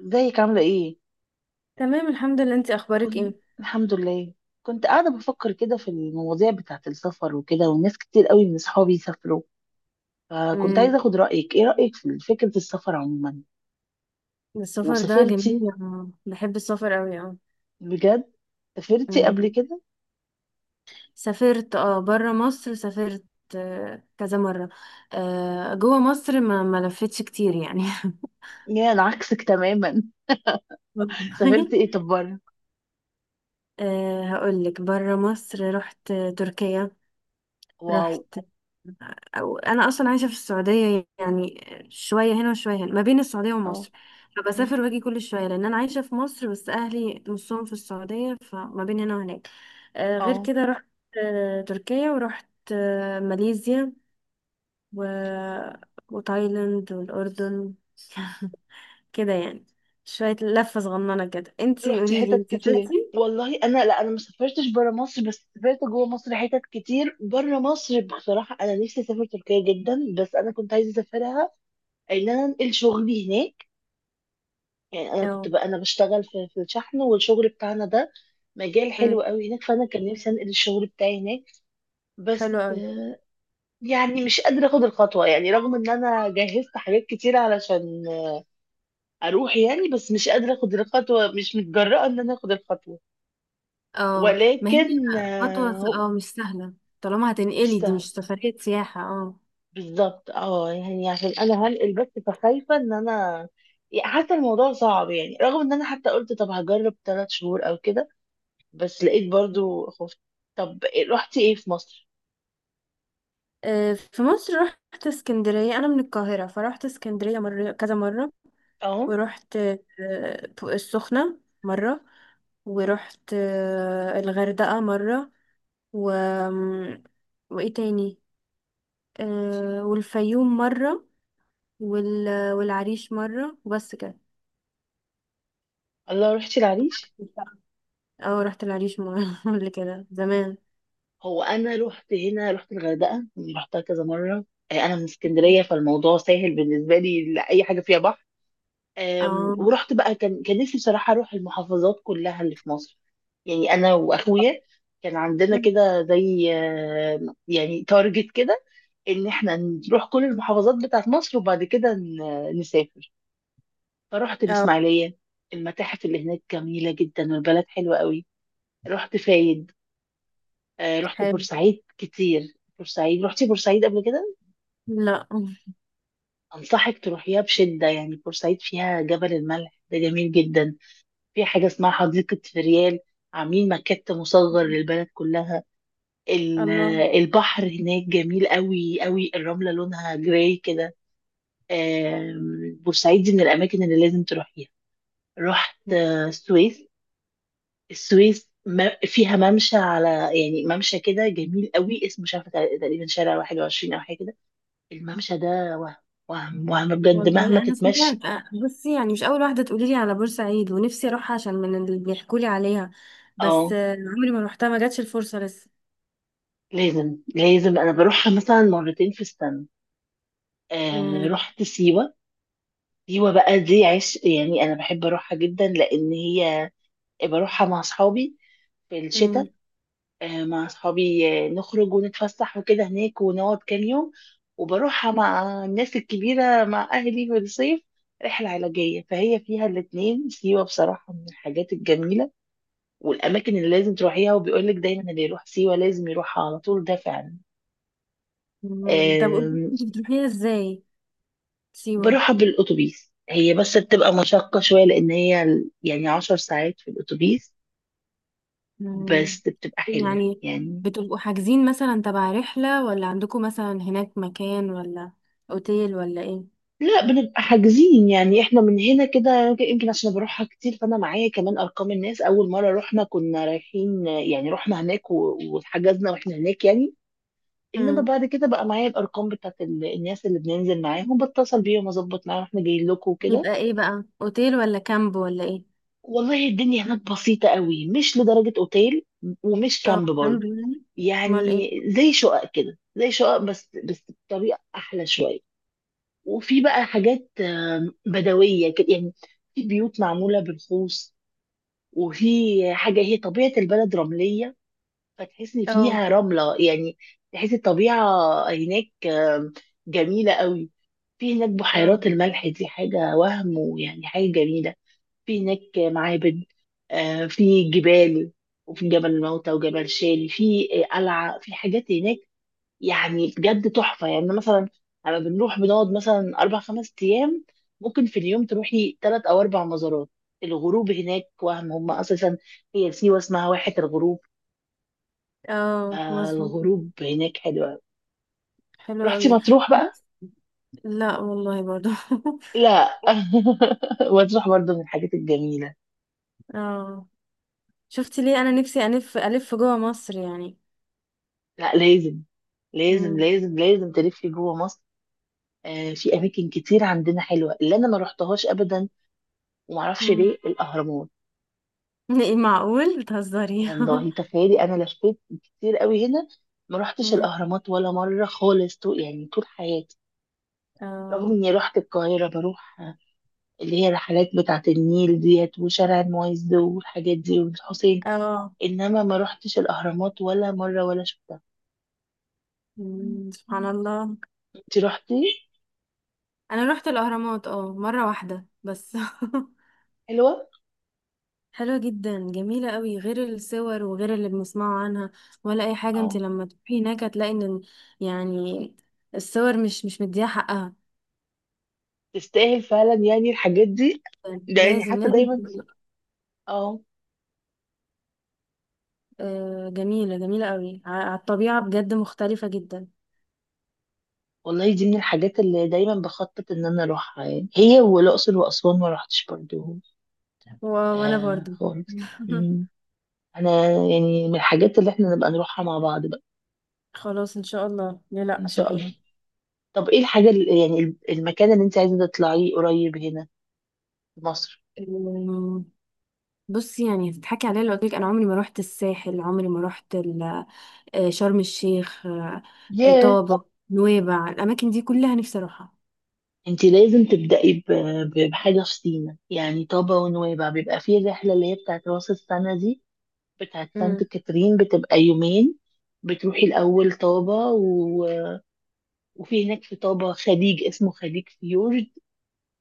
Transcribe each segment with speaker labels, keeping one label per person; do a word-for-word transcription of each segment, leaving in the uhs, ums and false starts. Speaker 1: ازيك عاملة ايه؟
Speaker 2: تمام، الحمد لله. انت اخبارك
Speaker 1: كنت
Speaker 2: ايه؟
Speaker 1: الحمد لله كنت قاعدة بفكر كده في المواضيع بتاعة السفر وكده، والناس كتير قوي من اصحابي سافروا. فكنت عايزة
Speaker 2: امم
Speaker 1: اخد رأيك، ايه رأيك في فكرة السفر عموما؟
Speaker 2: السفر ده جميل،
Speaker 1: وسافرتي
Speaker 2: اه بحب السفر قوي، اه.
Speaker 1: بجد، سافرتي قبل
Speaker 2: امم
Speaker 1: كده؟
Speaker 2: سافرت، اه بره مصر سافرت. آه، كذا مرة. آه، جوه مصر ما ما لفتش كتير يعني
Speaker 1: يا انا عكسك تماما.
Speaker 2: والله.
Speaker 1: سافرتي ايه طب بره؟
Speaker 2: آه، هقولك، بره مصر رحت تركيا.
Speaker 1: واو.
Speaker 2: رحت، أو أنا أصلا عايشة في السعودية يعني. شوية هنا وشوية هنا، ما بين السعودية
Speaker 1: اه.
Speaker 2: ومصر. فبسافر
Speaker 1: مم.
Speaker 2: واجي كل شوية، لأن أنا عايشة في مصر بس أهلي نصهم في السعودية، فما بين هنا وهناك. آه، غير
Speaker 1: اه،
Speaker 2: كده رحت آه، تركيا، ورحت آه، ماليزيا، و... وتايلاند والأردن كده يعني، شوية لفة صغننة كده. انتي
Speaker 1: رحتي
Speaker 2: قوليلي،
Speaker 1: حتت
Speaker 2: انت
Speaker 1: كتير
Speaker 2: سافرتي؟
Speaker 1: والله. انا لا، انا ما سافرتش بره مصر، بس سافرت جوه مصر حتت كتير. بره مصر بصراحه انا نفسي اسافر تركيا جدا، بس انا كنت عايزه اسافرها ان انا انقل شغلي هناك. يعني انا كنت
Speaker 2: اه.
Speaker 1: بقى، انا بشتغل في في الشحن والشغل بتاعنا ده مجال
Speaker 2: أمم،
Speaker 1: حلو قوي هناك، فانا كان نفسي انقل الشغل بتاعي هناك. بس
Speaker 2: حلو أوي.
Speaker 1: آه، يعني مش قادره اخد الخطوه، يعني رغم ان انا جهزت حاجات كتيره علشان اروح، يعني بس مش قادره اخد الخطوه، مش متجرأة ان انا اخد الخطوه.
Speaker 2: اه، ما هي
Speaker 1: ولكن آه،
Speaker 2: خطوة،
Speaker 1: هو
Speaker 2: اه مش سهلة. طالما
Speaker 1: مش
Speaker 2: هتنقلي، دي
Speaker 1: سهل.
Speaker 2: مش سفرية سياحة، اه.
Speaker 1: بالظبط اه، يعني عشان انا هنقل بس فخايفه ان انا، يعني حاسه الموضوع صعب، يعني رغم ان انا حتى قلت طب هجرب ثلاث شهور او كده، بس لقيت برضو خفت. طب رحتي ايه في مصر؟
Speaker 2: آه، في مصر رحت اسكندرية. أنا من القاهرة، فرحت اسكندرية مرة، كذا مرة.
Speaker 1: اهو.
Speaker 2: ورحت آه، السخنة مرة. ورحت آه، الغردقة مرة. و... وإيه تاني؟ آه، والفيوم مرة. وال... والعريش مرة، وبس كده.
Speaker 1: الله، رحتي العريش.
Speaker 2: اه، رحت العريش مرة قبل كده، زمان.
Speaker 1: هو انا رحت هنا، رحت الغردقه، رحتها كذا مره. آه، انا من اسكندريه فالموضوع سهل بالنسبه لي لاي حاجه فيها بحر. آم،
Speaker 2: اه.
Speaker 1: ورحت بقى، كان كان نفسي بصراحه اروح المحافظات كلها اللي في مصر. يعني انا واخويا كان عندنا كده زي آه، يعني تارجت كده ان احنا نروح كل المحافظات بتاعت مصر، وبعد كده ن- نسافر. رحت
Speaker 2: اه.
Speaker 1: الإسماعيلية، المتاحف اللي هناك جميلة جدا والبلد حلوة قوي. رحت فايد. آه، رحت
Speaker 2: حلو.
Speaker 1: بورسعيد كتير. بورسعيد، رحتي بورسعيد قبل كده؟
Speaker 2: لا.
Speaker 1: أنصحك تروحيها بشدة يعني. بورسعيد فيها جبل الملح، ده جميل جدا. في حاجة اسمها حديقة فريال، عاملين مكت مصغر للبلد كلها. ال-
Speaker 2: الله.
Speaker 1: آه، البحر هناك جميل قوي قوي، الرملة لونها جراي كده. آم، بورسعيد دي من الأماكن اللي لازم تروحيها. رحت آه، السويس. السويس ما فيها ممشى على، يعني ممشى كده جميل قوي، اسمه مش عارفه، تقريبا شارع واحد وعشرين او حاجه كده. الممشى ده وهم وهم وهم بجد
Speaker 2: والله
Speaker 1: مهما
Speaker 2: انا سمعت،
Speaker 1: تتمشي.
Speaker 2: أ- بصي يعني، مش اول واحده تقولي لي على بورسعيد، ونفسي اروحها عشان من اللي بيحكوا لي عليها. بس
Speaker 1: اه
Speaker 2: آه، عمري ما روحتها، ما جاتش الفرصه لسه.
Speaker 1: لازم، لازم. انا بروحها مثلا مرتين في السنه. آه
Speaker 2: مم.
Speaker 1: رحت سيوه. سيوه بقى دي عش، يعني انا بحب اروحها جدا، لان هي بروحها مع اصحابي في
Speaker 2: مم.
Speaker 1: الشتاء. آه، مع أصحابي، آه، نخرج ونتفسح وكده هناك ونقعد كام يوم. وبروحها مع الناس الكبيرة، مع أهلي في الصيف، رحلة علاجية. فهي فيها الاتنين. سيوة بصراحة من الحاجات الجميلة والأماكن اللي لازم تروحيها، وبيقولك دايما اللي يروح سيوة لازم يروحها على طول، ده فعلا.
Speaker 2: مم. طب قولي،
Speaker 1: آم،
Speaker 2: انت بتروحيها ازاي سيوه؟
Speaker 1: بروحها بالأتوبيس، هي بس بتبقى مشقة شوية لأن هي، ال- يعني عشر ساعات في الأتوبيس،
Speaker 2: مم.
Speaker 1: بس بتبقى حلوة
Speaker 2: يعني
Speaker 1: يعني.
Speaker 2: بتبقوا حاجزين مثلا تبع رحله، ولا عندكم مثلا هناك مكان، ولا اوتيل، ولا ايه؟
Speaker 1: لا بنبقى حاجزين، يعني احنا من هنا كده، يمكن عشان بروحها كتير فانا معايا كمان ارقام الناس. اول مره رحنا كنا رايحين يعني، رحنا هناك و- وحجزنا واحنا هناك يعني. انما
Speaker 2: مم.
Speaker 1: بعد كده بقى معايا الارقام بتاعت ال- الناس اللي بننزل معاهم، بتصل بيهم اظبط معاهم احنا جايين لكم وكده.
Speaker 2: يبقى ايه بقى، اوتيل ولا كامب ولا ايه؟
Speaker 1: والله الدنيا هناك بسيطه قوي، مش لدرجه اوتيل، ومش
Speaker 2: اه،
Speaker 1: كامب
Speaker 2: كامب
Speaker 1: برضه.
Speaker 2: يعني. امال
Speaker 1: يعني
Speaker 2: ايه؟
Speaker 1: زي شقق كده، زي شقق بس بس بطريقه احلى شويه. وفي بقى حاجات آم، بدوية كده يعني، في بيوت معمولة بالخوص. وفي حاجة، هي طبيعة البلد رملية، فتحس إن
Speaker 2: اه.
Speaker 1: فيها رملة يعني، تحس الطبيعة هناك آم، جميلة قوي. في هناك
Speaker 2: اه.
Speaker 1: بحيرات الملح، دي حاجة وهم، ويعني حاجة جميلة. في هناك معابد، آه، في جبال، وفي جبل الموتى وجبل شالي، في قلعة، في حاجات هناك يعني بجد تحفة. يعني مثلا لما بنروح بنقعد مثلا أربع خمس أيام، ممكن في اليوم تروحي تلات أو أربع مزارات. الغروب هناك وهم، هم أساسا هي سيوة اسمها واحة الغروب،
Speaker 2: اه، مظبوط.
Speaker 1: فالغروب هناك حلوة أوي.
Speaker 2: حلو
Speaker 1: رحتي
Speaker 2: قوي.
Speaker 1: مطروح بقى؟
Speaker 2: لا والله، برضو.
Speaker 1: لا. مطروح برضه من الحاجات الجميلة.
Speaker 2: اه. شفتي ليه، انا نفسي الف الف جوه مصر يعني.
Speaker 1: لا لازم، لازم
Speaker 2: امم
Speaker 1: لازم لازم تلفي جوه مصر. آه في أماكن كتير عندنا حلوة اللي أنا ما رحتهاش أبدا، ومعرفش ليه،
Speaker 2: امم
Speaker 1: الأهرامات.
Speaker 2: إيه، معقول بتهزري؟
Speaker 1: والله تخيلي انا لفيت كتير قوي هنا، ما رحتش
Speaker 2: امم
Speaker 1: الاهرامات ولا مره خالص، طو يعني طول حياتي. رغم
Speaker 2: اه.
Speaker 1: اني رحت القاهره، بروح اللي هي الرحلات بتاعه النيل ديت وشارع المعز والحاجات دي والحسين،
Speaker 2: اه.
Speaker 1: انما ما رحتش الاهرامات ولا مره ولا شفتها.
Speaker 2: أمم، سبحان الله.
Speaker 1: انت رحتي؟
Speaker 2: انا رحت الاهرامات، اه مره واحده بس
Speaker 1: حلوه.
Speaker 2: حلوه جدا، جميله قوي غير الصور وغير اللي بنسمعه عنها، ولا اي حاجه. انت
Speaker 1: اه
Speaker 2: لما تروحي هناك هتلاقي ان ال- يعني الصور مش مش مديها حقها.
Speaker 1: تستاهل فعلا يعني الحاجات دي.
Speaker 2: طيب،
Speaker 1: ده يعني
Speaker 2: لازم
Speaker 1: حتى
Speaker 2: لازم
Speaker 1: دايما
Speaker 2: تبقى-
Speaker 1: اه،
Speaker 2: آه، جميلة جميلة قوي، ع- على الطبيعة، بجد مختلفة جدا.
Speaker 1: والله دي من الحاجات اللي دايما بخطط ان انا اروحها، يعني هي والاقصر واسوان ما رحتش برضو
Speaker 2: و... وأنا
Speaker 1: آه
Speaker 2: برضو
Speaker 1: خالص. مم. انا يعني من الحاجات اللي احنا نبقى نروحها مع بعض بقى.
Speaker 2: خلاص إن شاء الله، لا
Speaker 1: ان
Speaker 2: لا،
Speaker 1: شاء
Speaker 2: صحيح.
Speaker 1: الله. طب ايه الحاجه اللي يعني الم- المكان اللي انت عايزه تطلعيه قريب هنا في مصر؟
Speaker 2: أم، بصي يعني، تضحكي عليا لو قلت لك أنا عمري ما روحت الساحل، عمري ما روحت ال- آه، شرم الشيخ، آه، آه،
Speaker 1: ياه.
Speaker 2: طابة نويبع، الأماكن دي كلها نفسي أروحها.
Speaker 1: انت لازم تبدأي ب- ب- بحاجه في سينا، يعني طابا ونويبع بيبقى فيه الرحله اللي هي بتاعت راس السنه دي، بتاعت
Speaker 2: امم.
Speaker 1: سانت كاترين بتبقى يومين. بتروحي الاول طابا و... وفي هناك في طابا خليج اسمه خليج فيورد.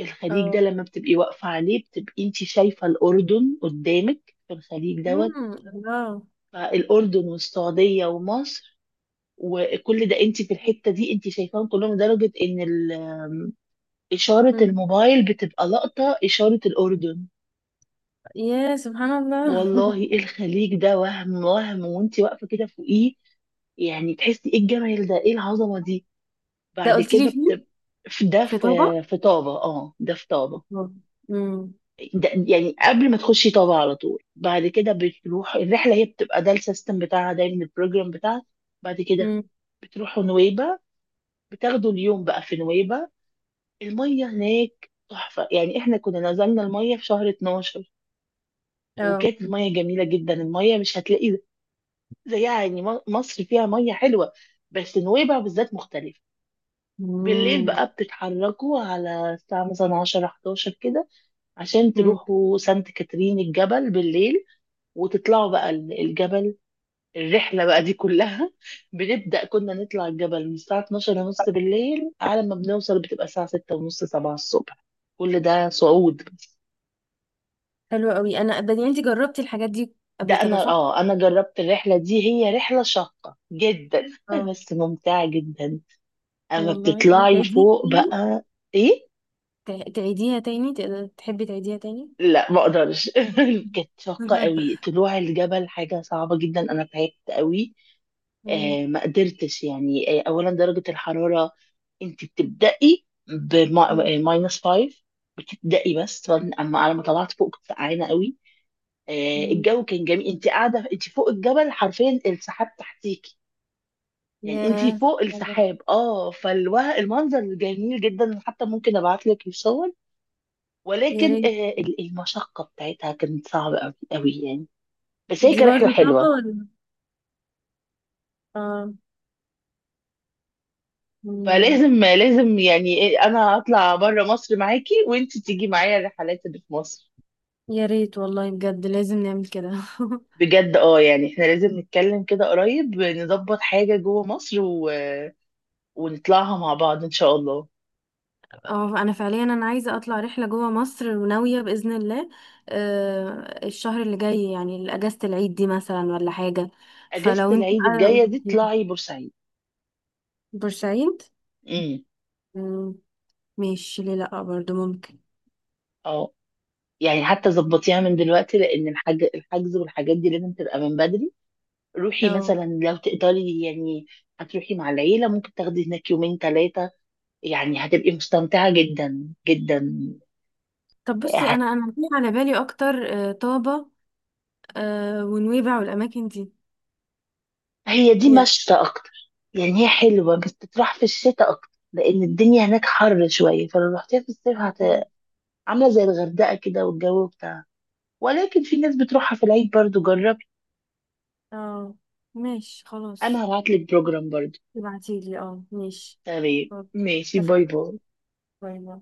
Speaker 1: الخليج
Speaker 2: اه.
Speaker 1: ده لما بتبقي واقفة عليه بتبقي انت شايفة الأردن قدامك في الخليج دوت.
Speaker 2: امم، الله.
Speaker 1: فالأردن والسعودية ومصر، وكل ده انت في الحتة دي انت شايفاهم كلهم، لدرجة ان ال- إشارة
Speaker 2: امم.
Speaker 1: الموبايل بتبقى لقطة إشارة الأردن.
Speaker 2: يا سبحان الله
Speaker 1: والله الخليج ده وهم، وهم وانت واقفة كده فوقيه، يعني تحسي ايه الجمال ده، ايه العظمة دي.
Speaker 2: ده
Speaker 1: بعد
Speaker 2: قلت لي
Speaker 1: كده
Speaker 2: فين؟
Speaker 1: بتبقى، ده
Speaker 2: في
Speaker 1: في
Speaker 2: طابة.
Speaker 1: في طابة. اه ده في طابة.
Speaker 2: امم.
Speaker 1: ده يعني قبل ما تخشي طابعة على طول. بعد كده بتروح الرحلة، هي بتبقى ده السيستم بتاعها دايما، البروجرام بتاعها. بعد كده
Speaker 2: امم.
Speaker 1: بتروحوا نويبة، بتاخدوا اليوم بقى في نويبة. المية هناك تحفة، يعني احنا كنا نزلنا المية في شهر اتناشر
Speaker 2: اه.
Speaker 1: وكانت المية جميلة جدا. المية مش هتلاقي زيها يعني، م- مصر فيها مية حلوة بس نويبة بالذات مختلفة. بالليل
Speaker 2: مم.
Speaker 1: بقى بتتحركوا على الساعة مثلا عشرة أحد عشر كده، عشان
Speaker 2: مم.
Speaker 1: تروحوا سانت كاترين الجبل بالليل، وتطلعوا بقى ال- الجبل. الرحلة بقى دي كلها بنبدأ، كنا نطلع الجبل من الساعة اتناشر ونص بالليل، على ما بنوصل بتبقى الساعة ستة ونص سبعة الصبح، كل ده صعود.
Speaker 2: حلو قوي. انا بدي، انت جربتي الحاجات دي
Speaker 1: ده
Speaker 2: قبل كده،
Speaker 1: أنا
Speaker 2: صح؟
Speaker 1: آه، أنا جربت الرحلة دي، هي رحلة شاقة جدا.
Speaker 2: اه.
Speaker 1: بس ممتعة جدا. أما
Speaker 2: والله،
Speaker 1: بتطلعي
Speaker 2: تعيديها
Speaker 1: فوق
Speaker 2: تاني؟
Speaker 1: بقى. إيه؟
Speaker 2: تع- تعيديها تاني، تقدر- تحبي تعيديها تاني؟
Speaker 1: لا ما اقدرش. كانت شاقة قوي، طلوع الجبل حاجة صعبة جدا، أنا تعبت قوي.
Speaker 2: مم.
Speaker 1: آه، ما قدرتش يعني، آه، اولا درجة الحرارة، انت بتبدأي
Speaker 2: مم.
Speaker 1: بماينس خمسة، بتبدأي بس اما على ما طلعت فوق كنت سقعانة قوي. آه،
Speaker 2: مم.
Speaker 1: الجو كان جميل، انت قاعدة انت فوق الجبل حرفيا السحاب تحتيكي، يعني انت
Speaker 2: يا
Speaker 1: فوق
Speaker 2: سبحان الله.
Speaker 1: السحاب. اه فالمنظر جميل جدا، حتى ممكن ابعت لك الصور.
Speaker 2: يا
Speaker 1: ولكن
Speaker 2: ريت.
Speaker 1: آه، ال- المشقة بتاعتها كانت صعبة قوي قوي يعني، بس هي
Speaker 2: دي
Speaker 1: كانت رحلة
Speaker 2: برضو صعبة،
Speaker 1: حلوة.
Speaker 2: ولا؟ اه. مم.
Speaker 1: فلازم لازم يعني إيه، انا هطلع بره مصر معاكي وانت تيجي معايا الرحلات اللي في مصر.
Speaker 2: يا ريت والله، بجد لازم نعمل كده
Speaker 1: بجد اه، يعني احنا لازم نتكلم كده قريب، نظبط حاجة جوه مصر و... ونطلعها مع بعض ان شاء الله.
Speaker 2: اه، انا فعليا، انا عايزه اطلع رحله جوه مصر، وناويه باذن الله، آه، الشهر اللي جاي يعني، اجازه العيد دي مثلا، ولا حاجه.
Speaker 1: اجازة
Speaker 2: فلو انت
Speaker 1: العيد
Speaker 2: بقى قولي
Speaker 1: الجاية دي
Speaker 2: لي.
Speaker 1: طلعي بورسعيد.
Speaker 2: بورسعيد؟
Speaker 1: امم.
Speaker 2: مم، ماشي. ليه لا، برضو ممكن.
Speaker 1: اه، يعني حتى ظبطيها من دلوقتي، لان الحاج... الحجز والحاجات دي لازم تبقى من بدري. روحي
Speaker 2: اه.
Speaker 1: مثلا لو تقدري يعني، هتروحي مع العيلة ممكن تاخدي هناك يومين ثلاثة، يعني هتبقي مستمتعة جدا جدا.
Speaker 2: طب بصي، انا انا جه على بالي اكتر آه، طابه، آه، ونويبع والاماكن دي
Speaker 1: هي دي
Speaker 2: يعني.
Speaker 1: مشتى اكتر، يعني هي حلوه بس تروح في الشتاء اكتر، لان الدنيا هناك حر شويه، فلو رحتيها في الصيف هت... عامله زي الغردقه كده والجو بتاعها. ولكن في ناس بتروحها في العيد برضو، جربي.
Speaker 2: اه، ماشي،
Speaker 1: انا
Speaker 2: خلاص.
Speaker 1: هبعت لك بروجرام برضو.
Speaker 2: ابعتيلي، اه ماشي.
Speaker 1: تمام
Speaker 2: خلاص.
Speaker 1: ماشي، باي
Speaker 2: اتفقنا.
Speaker 1: باي.
Speaker 2: باي باي.